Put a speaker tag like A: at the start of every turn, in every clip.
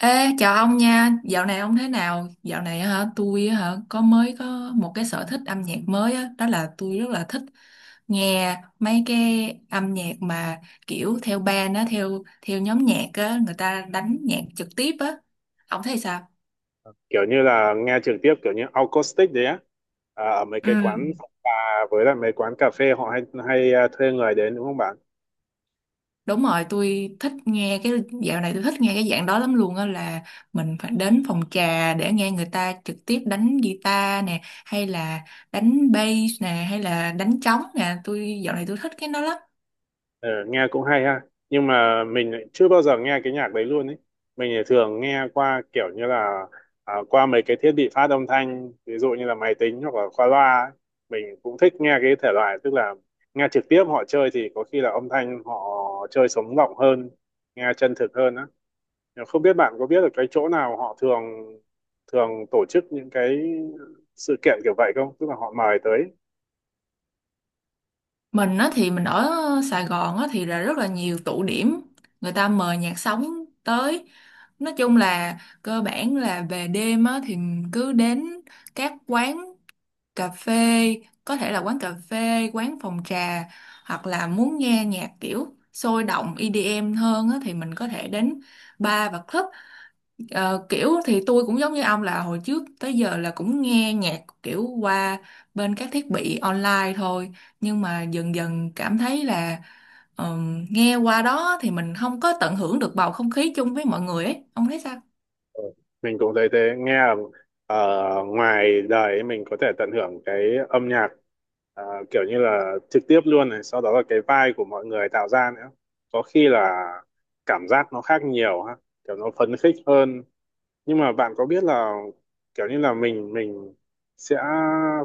A: Ê, chào ông nha, dạo này ông thế nào? Dạo này á hả, tôi á hả, có mới có một cái sở thích âm nhạc mới á, đó là tôi rất là thích nghe mấy cái âm nhạc mà kiểu theo band á, theo theo nhóm nhạc á, người ta đánh nhạc trực tiếp á. Ông thấy sao?
B: Kiểu như là nghe trực tiếp kiểu như acoustic đấy á, ở mấy
A: Ừ.
B: cái quán phòng trà với lại mấy quán cà phê họ hay hay à, thuê người đến, đúng không bạn?
A: Đúng rồi, tôi thích nghe cái dạo này tôi thích nghe cái dạng đó lắm luôn á là mình phải đến phòng trà để nghe người ta trực tiếp đánh guitar nè hay là đánh bass nè hay là đánh trống nè, tôi dạo này tôi thích cái đó lắm.
B: Ừ, nghe cũng hay ha. Nhưng mà mình lại chưa bao giờ nghe cái nhạc đấy luôn ấy. Mình thì thường nghe qua kiểu như là, qua mấy cái thiết bị phát âm thanh, ví dụ như là máy tính hoặc là qua loa ấy. Mình cũng thích nghe cái thể loại, tức là nghe trực tiếp họ chơi thì có khi là âm thanh họ chơi sống động hơn, nghe chân thực hơn á. Không biết bạn có biết được cái chỗ nào họ thường thường tổ chức những cái sự kiện kiểu vậy không? Tức là họ mời tới.
A: Mình á thì mình ở Sài Gòn á thì là rất là nhiều tụ điểm người ta mời nhạc sống tới. Nói chung là cơ bản là về đêm á thì cứ đến các quán cà phê, có thể là quán cà phê quán phòng trà hoặc là muốn nghe nhạc kiểu sôi động EDM hơn á, thì mình có thể đến bar và club. Kiểu thì tôi cũng giống như ông là hồi trước tới giờ là cũng nghe nhạc kiểu qua bên các thiết bị online thôi, nhưng mà dần dần cảm thấy là nghe qua đó thì mình không có tận hưởng được bầu không khí chung với mọi người ấy, ông thấy sao?
B: Ờ, mình cũng thấy thế, nghe là, ngoài đời ấy, mình có thể tận hưởng cái âm nhạc, ờ, kiểu như là trực tiếp luôn này, sau đó là cái vibe của mọi người tạo ra nữa. Có khi là cảm giác nó khác nhiều ha, kiểu nó phấn khích hơn. Nhưng mà bạn có biết là kiểu như là mình sẽ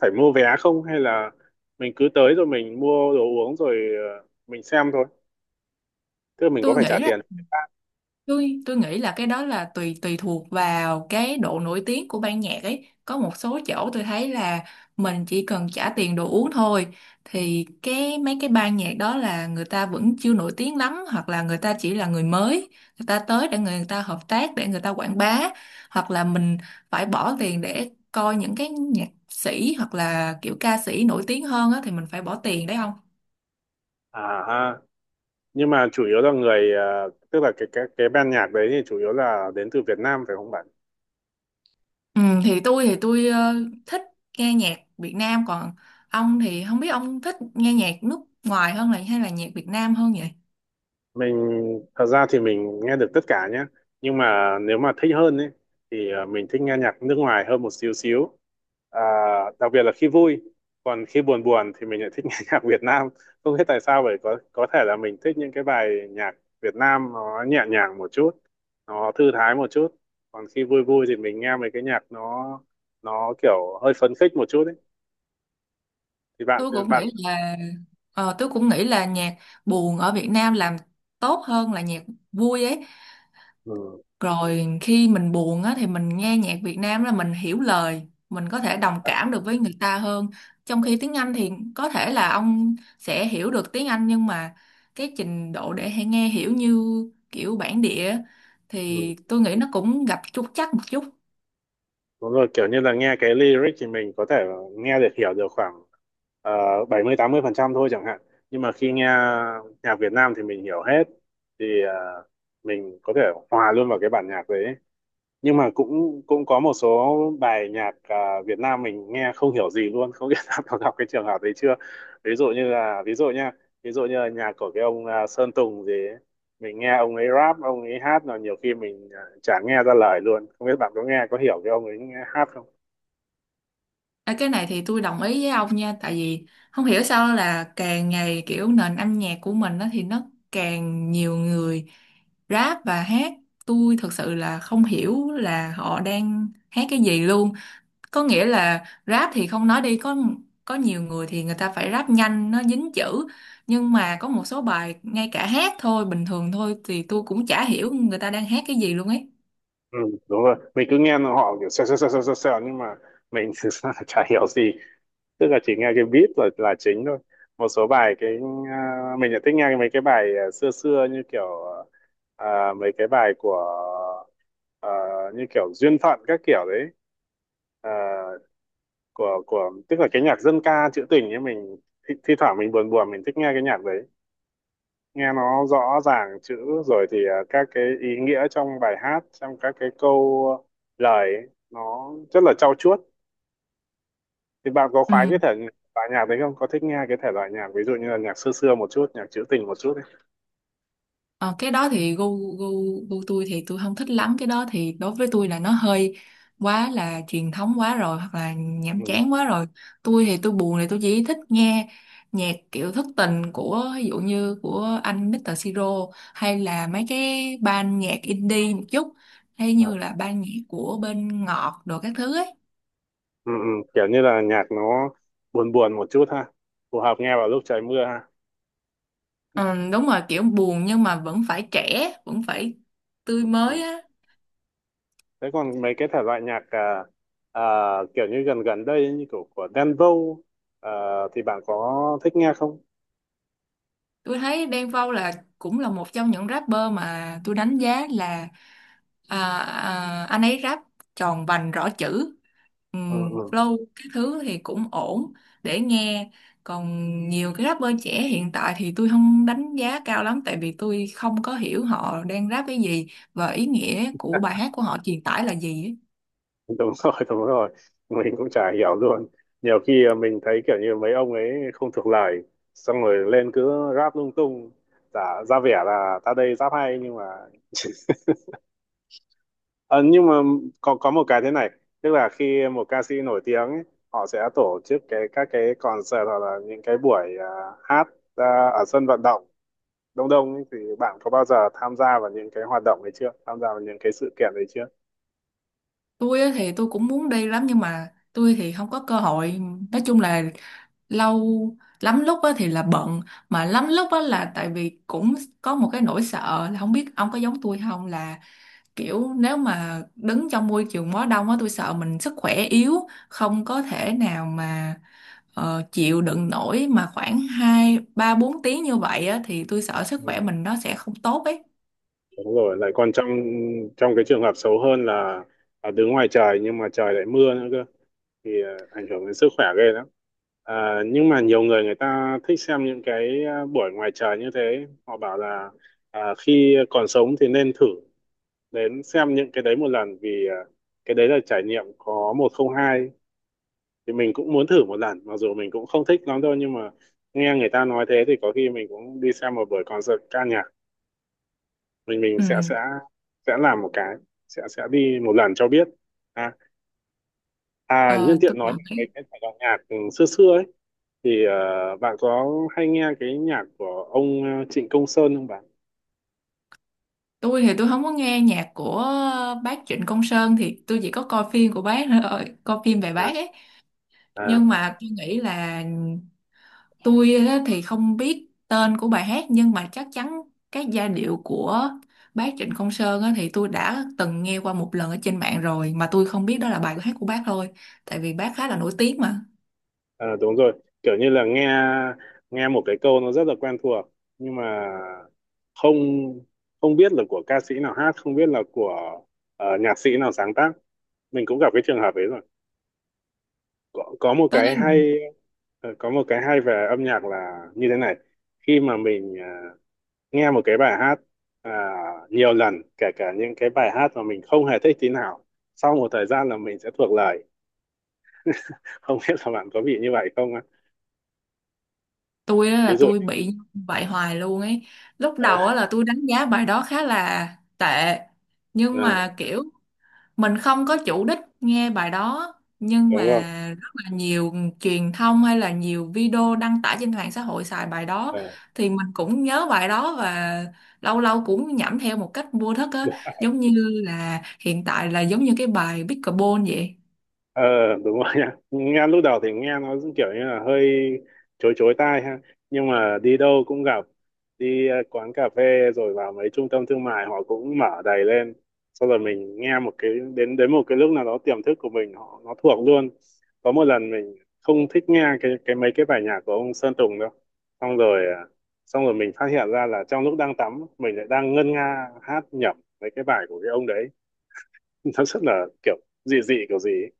B: phải mua vé không, hay là mình cứ tới rồi mình mua đồ uống rồi mình xem thôi, tức là mình có
A: Tôi
B: phải trả
A: nghĩ là
B: tiền?
A: tôi nghĩ là cái đó là tùy tùy thuộc vào cái độ nổi tiếng của ban nhạc ấy, có một số chỗ tôi thấy là mình chỉ cần trả tiền đồ uống thôi, thì cái mấy cái ban nhạc đó là người ta vẫn chưa nổi tiếng lắm hoặc là người ta chỉ là người mới, người ta tới để người ta hợp tác để người ta quảng bá, hoặc là mình phải bỏ tiền để coi những cái nhạc sĩ hoặc là kiểu ca sĩ nổi tiếng hơn á, thì mình phải bỏ tiền đấy không?
B: À ha. Nhưng mà chủ yếu là tức là cái ban nhạc đấy thì chủ yếu là đến từ Việt Nam phải không bạn?
A: Ừ, thì tôi thích nghe nhạc Việt Nam, còn ông thì không biết ông thích nghe nhạc nước ngoài hơn là hay là nhạc Việt Nam hơn vậy?
B: Mình thật ra thì mình nghe được tất cả nhé. Nhưng mà nếu mà thích hơn ấy thì mình thích nghe nhạc nước ngoài hơn một xíu xíu, à, đặc biệt là khi vui. Còn khi buồn buồn thì mình lại thích nghe nhạc Việt Nam. Không biết tại sao vậy, có thể là mình thích những cái bài nhạc Việt Nam nó nhẹ nhàng một chút, nó thư thái một chút. Còn khi vui vui thì mình nghe mấy cái nhạc nó kiểu hơi phấn khích một chút ấy. Thì bạn
A: Tôi cũng
B: bạn
A: nghĩ là tôi cũng nghĩ là nhạc buồn ở Việt Nam làm tốt hơn là nhạc vui ấy. Rồi khi mình buồn á, thì mình nghe nhạc Việt Nam là mình hiểu lời, mình có thể đồng cảm được với người ta hơn. Trong khi tiếng Anh thì có thể là ông sẽ hiểu được tiếng Anh nhưng mà cái trình độ để hay nghe hiểu như kiểu bản địa á,
B: Ừ.
A: thì tôi nghĩ nó cũng gặp trục trặc một chút.
B: Đúng rồi, kiểu như là nghe cái lyric thì mình có thể nghe được hiểu được khoảng 70-80% thôi chẳng hạn. Nhưng mà khi nghe nhạc Việt Nam thì mình hiểu hết. Thì mình có thể hòa luôn vào cái bản nhạc đấy. Nhưng mà cũng cũng có một số bài nhạc Việt Nam mình nghe không hiểu gì luôn. Không biết đã có gặp cái trường hợp đấy chưa? Ví dụ như là, ví dụ nha, ví dụ như là nhạc của cái ông, Sơn Tùng gì ấy. Mình nghe ông ấy rap, ông ấy hát là nhiều khi mình chả nghe ra lời luôn. Không biết bạn có nghe có hiểu cái ông ấy hát không?
A: À, cái này thì tôi đồng ý với ông nha, tại vì không hiểu sao là càng ngày kiểu nền âm nhạc của mình đó thì nó càng nhiều người rap và hát, tôi thật sự là không hiểu là họ đang hát cái gì luôn. Có nghĩa là rap thì không nói đi, có nhiều người thì người ta phải rap nhanh nó dính chữ, nhưng mà có một số bài ngay cả hát thôi bình thường thôi thì tôi cũng chả hiểu người ta đang hát cái gì luôn ấy.
B: Ừ, đúng rồi. Mình cứ nghe họ kiểu xèo xèo xèo xèo xèo xèo, nhưng mà mình thực ra là chả hiểu gì, tức là chỉ nghe cái beat là chính thôi. Một số bài mình lại thích nghe mấy cái bài, xưa xưa như kiểu, mấy cái bài của, à, như kiểu duyên phận các kiểu đấy. À, của tức là cái nhạc dân ca trữ tình ấy. Mình thi thoảng mình buồn buồn mình thích nghe cái nhạc đấy, nghe nó rõ ràng chữ, rồi thì các cái ý nghĩa trong bài hát, trong các cái câu lời ấy, nó rất là trau chuốt. Thì bạn có khoái
A: Ừ.
B: cái thể loại nhạc đấy không, có thích nghe cái thể loại nhạc ví dụ như là nhạc xưa xưa một chút, nhạc trữ tình một chút ấy?
A: Ờ, cái đó thì gu gu gu tôi thì tôi không thích lắm, cái đó thì đối với tôi là nó hơi quá là truyền thống quá rồi hoặc là
B: Ừ.
A: nhàm chán quá rồi. Tôi thì tôi buồn thì tôi chỉ thích nghe nhạc kiểu thất tình của, ví dụ như của anh Mr. Siro, hay là mấy cái ban nhạc indie một chút, hay
B: À.
A: như là ban nhạc của bên Ngọt đồ các thứ ấy.
B: Ừ, ừ. Kiểu như là nhạc nó buồn buồn một chút ha, phù hợp nghe vào lúc trời mưa ha.
A: Ừ, đúng rồi, kiểu buồn nhưng mà vẫn phải trẻ vẫn phải tươi
B: Ừ.
A: mới
B: Ừ.
A: á.
B: Thế còn mấy cái thể loại nhạc, à, kiểu như gần gần đây ấy, như kiểu của Đen Vâu, à, thì bạn có thích nghe không?
A: Tôi thấy Đen Vâu là cũng là một trong những rapper mà tôi đánh giá là anh ấy rap tròn vành rõ chữ,
B: Ừ. Ừ.
A: Flow cái thứ thì cũng ổn để nghe. Còn nhiều cái rapper trẻ hiện tại thì tôi không đánh giá cao lắm, tại vì tôi không có hiểu họ đang rap cái gì và ý nghĩa của bài hát của họ truyền tải là gì ấy.
B: Đúng rồi, đúng rồi, mình cũng chả hiểu luôn. Nhiều khi mình thấy kiểu như mấy ông ấy không thuộc lời, xong rồi lên cứ rap lung tung, giả ra vẻ là ta đây rap hay, nhưng mà Ờ, nhưng mà có một cái thế này, tức là khi một ca sĩ nổi tiếng ấy, họ sẽ tổ chức các cái concert hoặc là những cái buổi, hát ra ở sân vận động đông đông ấy, thì bạn có bao giờ tham gia vào những cái hoạt động ấy chưa, tham gia vào những cái sự kiện ấy chưa?
A: Tôi á thì tôi cũng muốn đi lắm nhưng mà tôi thì không có cơ hội. Nói chung là lâu lắm lúc á thì là bận, mà lắm lúc á là tại vì cũng có một cái nỗi sợ là không biết ông có giống tôi không, là kiểu nếu mà đứng trong môi trường quá đông á tôi sợ mình sức khỏe yếu không có thể nào mà chịu đựng nổi, mà khoảng hai ba bốn tiếng như vậy á thì tôi sợ sức
B: Ừ,
A: khỏe mình nó sẽ không tốt ấy.
B: đúng rồi. Lại còn trong trong cái trường hợp xấu hơn là đứng ngoài trời nhưng mà trời lại mưa nữa cơ, thì ảnh hưởng đến sức khỏe ghê lắm. À, nhưng mà nhiều người người ta thích xem những cái, buổi ngoài trời như thế. Họ bảo là khi còn sống thì nên thử đến xem những cái đấy một lần, vì cái đấy là trải nghiệm có một không hai. Thì mình cũng muốn thử một lần, mặc dù mình cũng không thích lắm đâu, nhưng mà nghe người ta nói thế thì có khi mình cũng đi xem một buổi concert ca nhạc. Mình
A: Ừ.
B: sẽ làm một cái sẽ đi một lần cho biết. à Nhân
A: ờ, tôi
B: tiện nói về cái
A: nghĩ-
B: cái thể loại nhạc, xưa xưa ấy, thì bạn có hay nghe cái nhạc của ông, Trịnh Công Sơn không bạn?
A: tôi thì tôi không có nghe nhạc của bác Trịnh Công Sơn, thì tôi chỉ có coi phim của bác thôi, coi phim về
B: à,
A: bác ấy,
B: à,
A: nhưng mà tôi nghĩ là tôi á thì không biết tên của bài hát nhưng mà chắc chắn các giai điệu của bác Trịnh Công Sơn á thì tôi đã từng nghe qua một lần ở trên mạng rồi mà tôi không biết đó là bài hát của bác thôi, tại vì bác khá là nổi tiếng mà.
B: À, đúng rồi, kiểu như là nghe nghe một cái câu nó rất là quen thuộc. Nhưng mà không không biết là của ca sĩ nào hát, không biết là của, nhạc sĩ nào sáng tác. Mình cũng gặp cái trường hợp ấy rồi. có, có một
A: Tôi
B: cái
A: thấy
B: hay có một cái hay về âm nhạc là như thế này: khi mà mình nghe một cái bài hát à, nhiều lần, kể cả những cái bài hát mà mình không hề thích tí nào, sau một thời gian là mình sẽ thuộc lời. Không biết là bạn có bị như vậy không á?
A: tôi á
B: Ví
A: là
B: dụ,
A: tôi bị vậy hoài luôn ấy. Lúc
B: ờ,
A: đầu á là tôi đánh giá bài đó khá là tệ, nhưng
B: ờ,
A: mà kiểu mình không có chủ đích nghe bài đó, nhưng mà
B: đúng không?
A: rất là nhiều truyền thông hay là nhiều video đăng tải trên mạng xã hội xài bài đó, thì mình cũng nhớ bài đó và lâu lâu cũng nhẩm theo một cách vô thức á,
B: Ờ,
A: giống như là hiện tại là giống như cái bài Pickleball vậy.
B: ờ, đúng rồi nha. Nghe lúc đầu thì nghe nó kiểu như là hơi chối chối tai ha, nhưng mà đi đâu cũng gặp. Đi quán cà phê rồi vào mấy trung tâm thương mại họ cũng mở đầy lên, sau rồi mình nghe một cái đến đến một cái lúc nào đó tiềm thức của mình họ nó thuộc luôn. Có một lần mình không thích nghe cái mấy cái bài nhạc của ông Sơn Tùng đâu, xong rồi ờ, xong rồi mình phát hiện ra là trong lúc đang tắm mình lại đang ngân nga hát nhẩm mấy cái bài của cái ông đấy. Nó rất là kiểu dị dị kiểu gì ấy.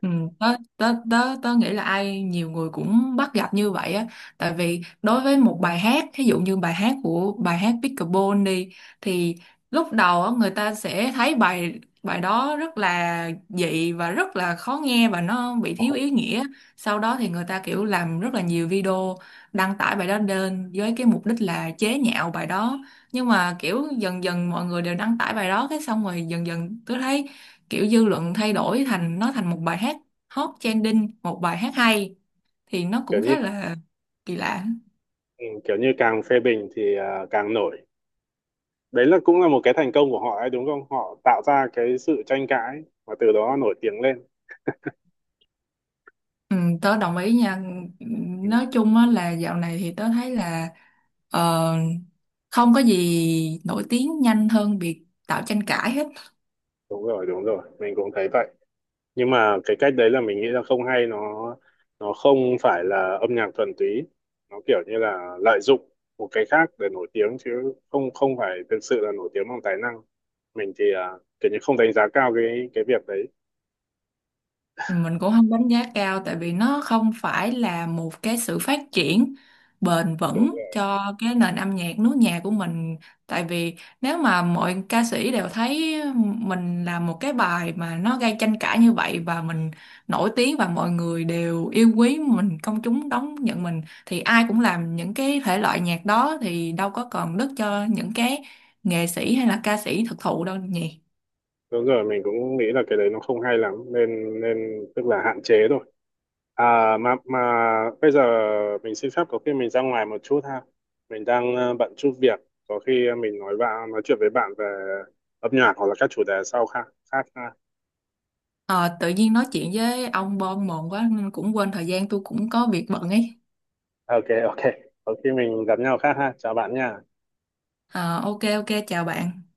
A: Ừ, tớ nghĩ là ai nhiều người cũng bắt gặp như vậy á, tại vì đối với một bài hát, ví dụ như bài hát của bài hát Pickleball đi, thì lúc đầu á, người ta sẽ thấy bài bài đó rất là dị và rất là khó nghe và nó bị thiếu ý nghĩa, sau đó thì người ta kiểu làm rất là nhiều video đăng tải bài đó lên với cái mục đích là chế nhạo bài đó, nhưng mà kiểu dần dần mọi người đều đăng tải bài đó cái xong rồi dần dần tôi thấy kiểu dư luận thay đổi thành nó thành một bài hát hot trending, một bài hát hay, thì nó
B: Kiểu
A: cũng
B: như
A: khá là kỳ lạ.
B: Ừ, kiểu như càng phê bình thì càng nổi. Đấy là cũng là một cái thành công của họ ấy đúng không? Họ tạo ra cái sự tranh cãi và từ đó nổi tiếng lên.
A: Ừ, tớ đồng ý nha.
B: Ừ,
A: Nói chung á, là dạo này thì tớ thấy là ờ, không có gì nổi tiếng nhanh hơn việc tạo tranh cãi hết.
B: đúng rồi, đúng rồi, mình cũng thấy vậy. Nhưng mà cái cách đấy là mình nghĩ là không hay. Nó không phải là âm nhạc thuần túy, nó kiểu như là lợi dụng một cái khác để nổi tiếng chứ không không phải thực sự là nổi tiếng bằng tài năng. Mình thì kiểu như không đánh giá cao cái việc đấy.
A: Mình cũng không đánh giá cao tại vì nó không phải là một cái sự phát triển bền
B: Đúng
A: vững
B: rồi,
A: cho cái nền âm nhạc nước nhà của mình. Tại vì nếu mà mọi ca sĩ đều thấy mình làm một cái bài mà nó gây tranh cãi như vậy và mình nổi tiếng và mọi người đều yêu quý mình, công chúng đón nhận mình, thì ai cũng làm những cái thể loại nhạc đó thì đâu có còn đất cho những cái nghệ sĩ hay là ca sĩ thực thụ đâu nhỉ.
B: đúng rồi, mình cũng nghĩ là cái đấy nó không hay lắm, nên nên tức là hạn chế thôi. À, mà bây giờ mình xin phép có khi mình ra ngoài một chút ha. Mình đang bận chút việc, có khi mình nói chuyện với bạn về âm nhạc hoặc là các chủ đề sau khác khác ha.
A: Ờ, tự nhiên nói chuyện với ông bon mồm quá nên cũng quên thời gian, tôi cũng có việc bận ấy.
B: Ok, ok. Có khi mình gặp nhau khác ha. Chào bạn nha.
A: Ờ, ok ok, chào bạn.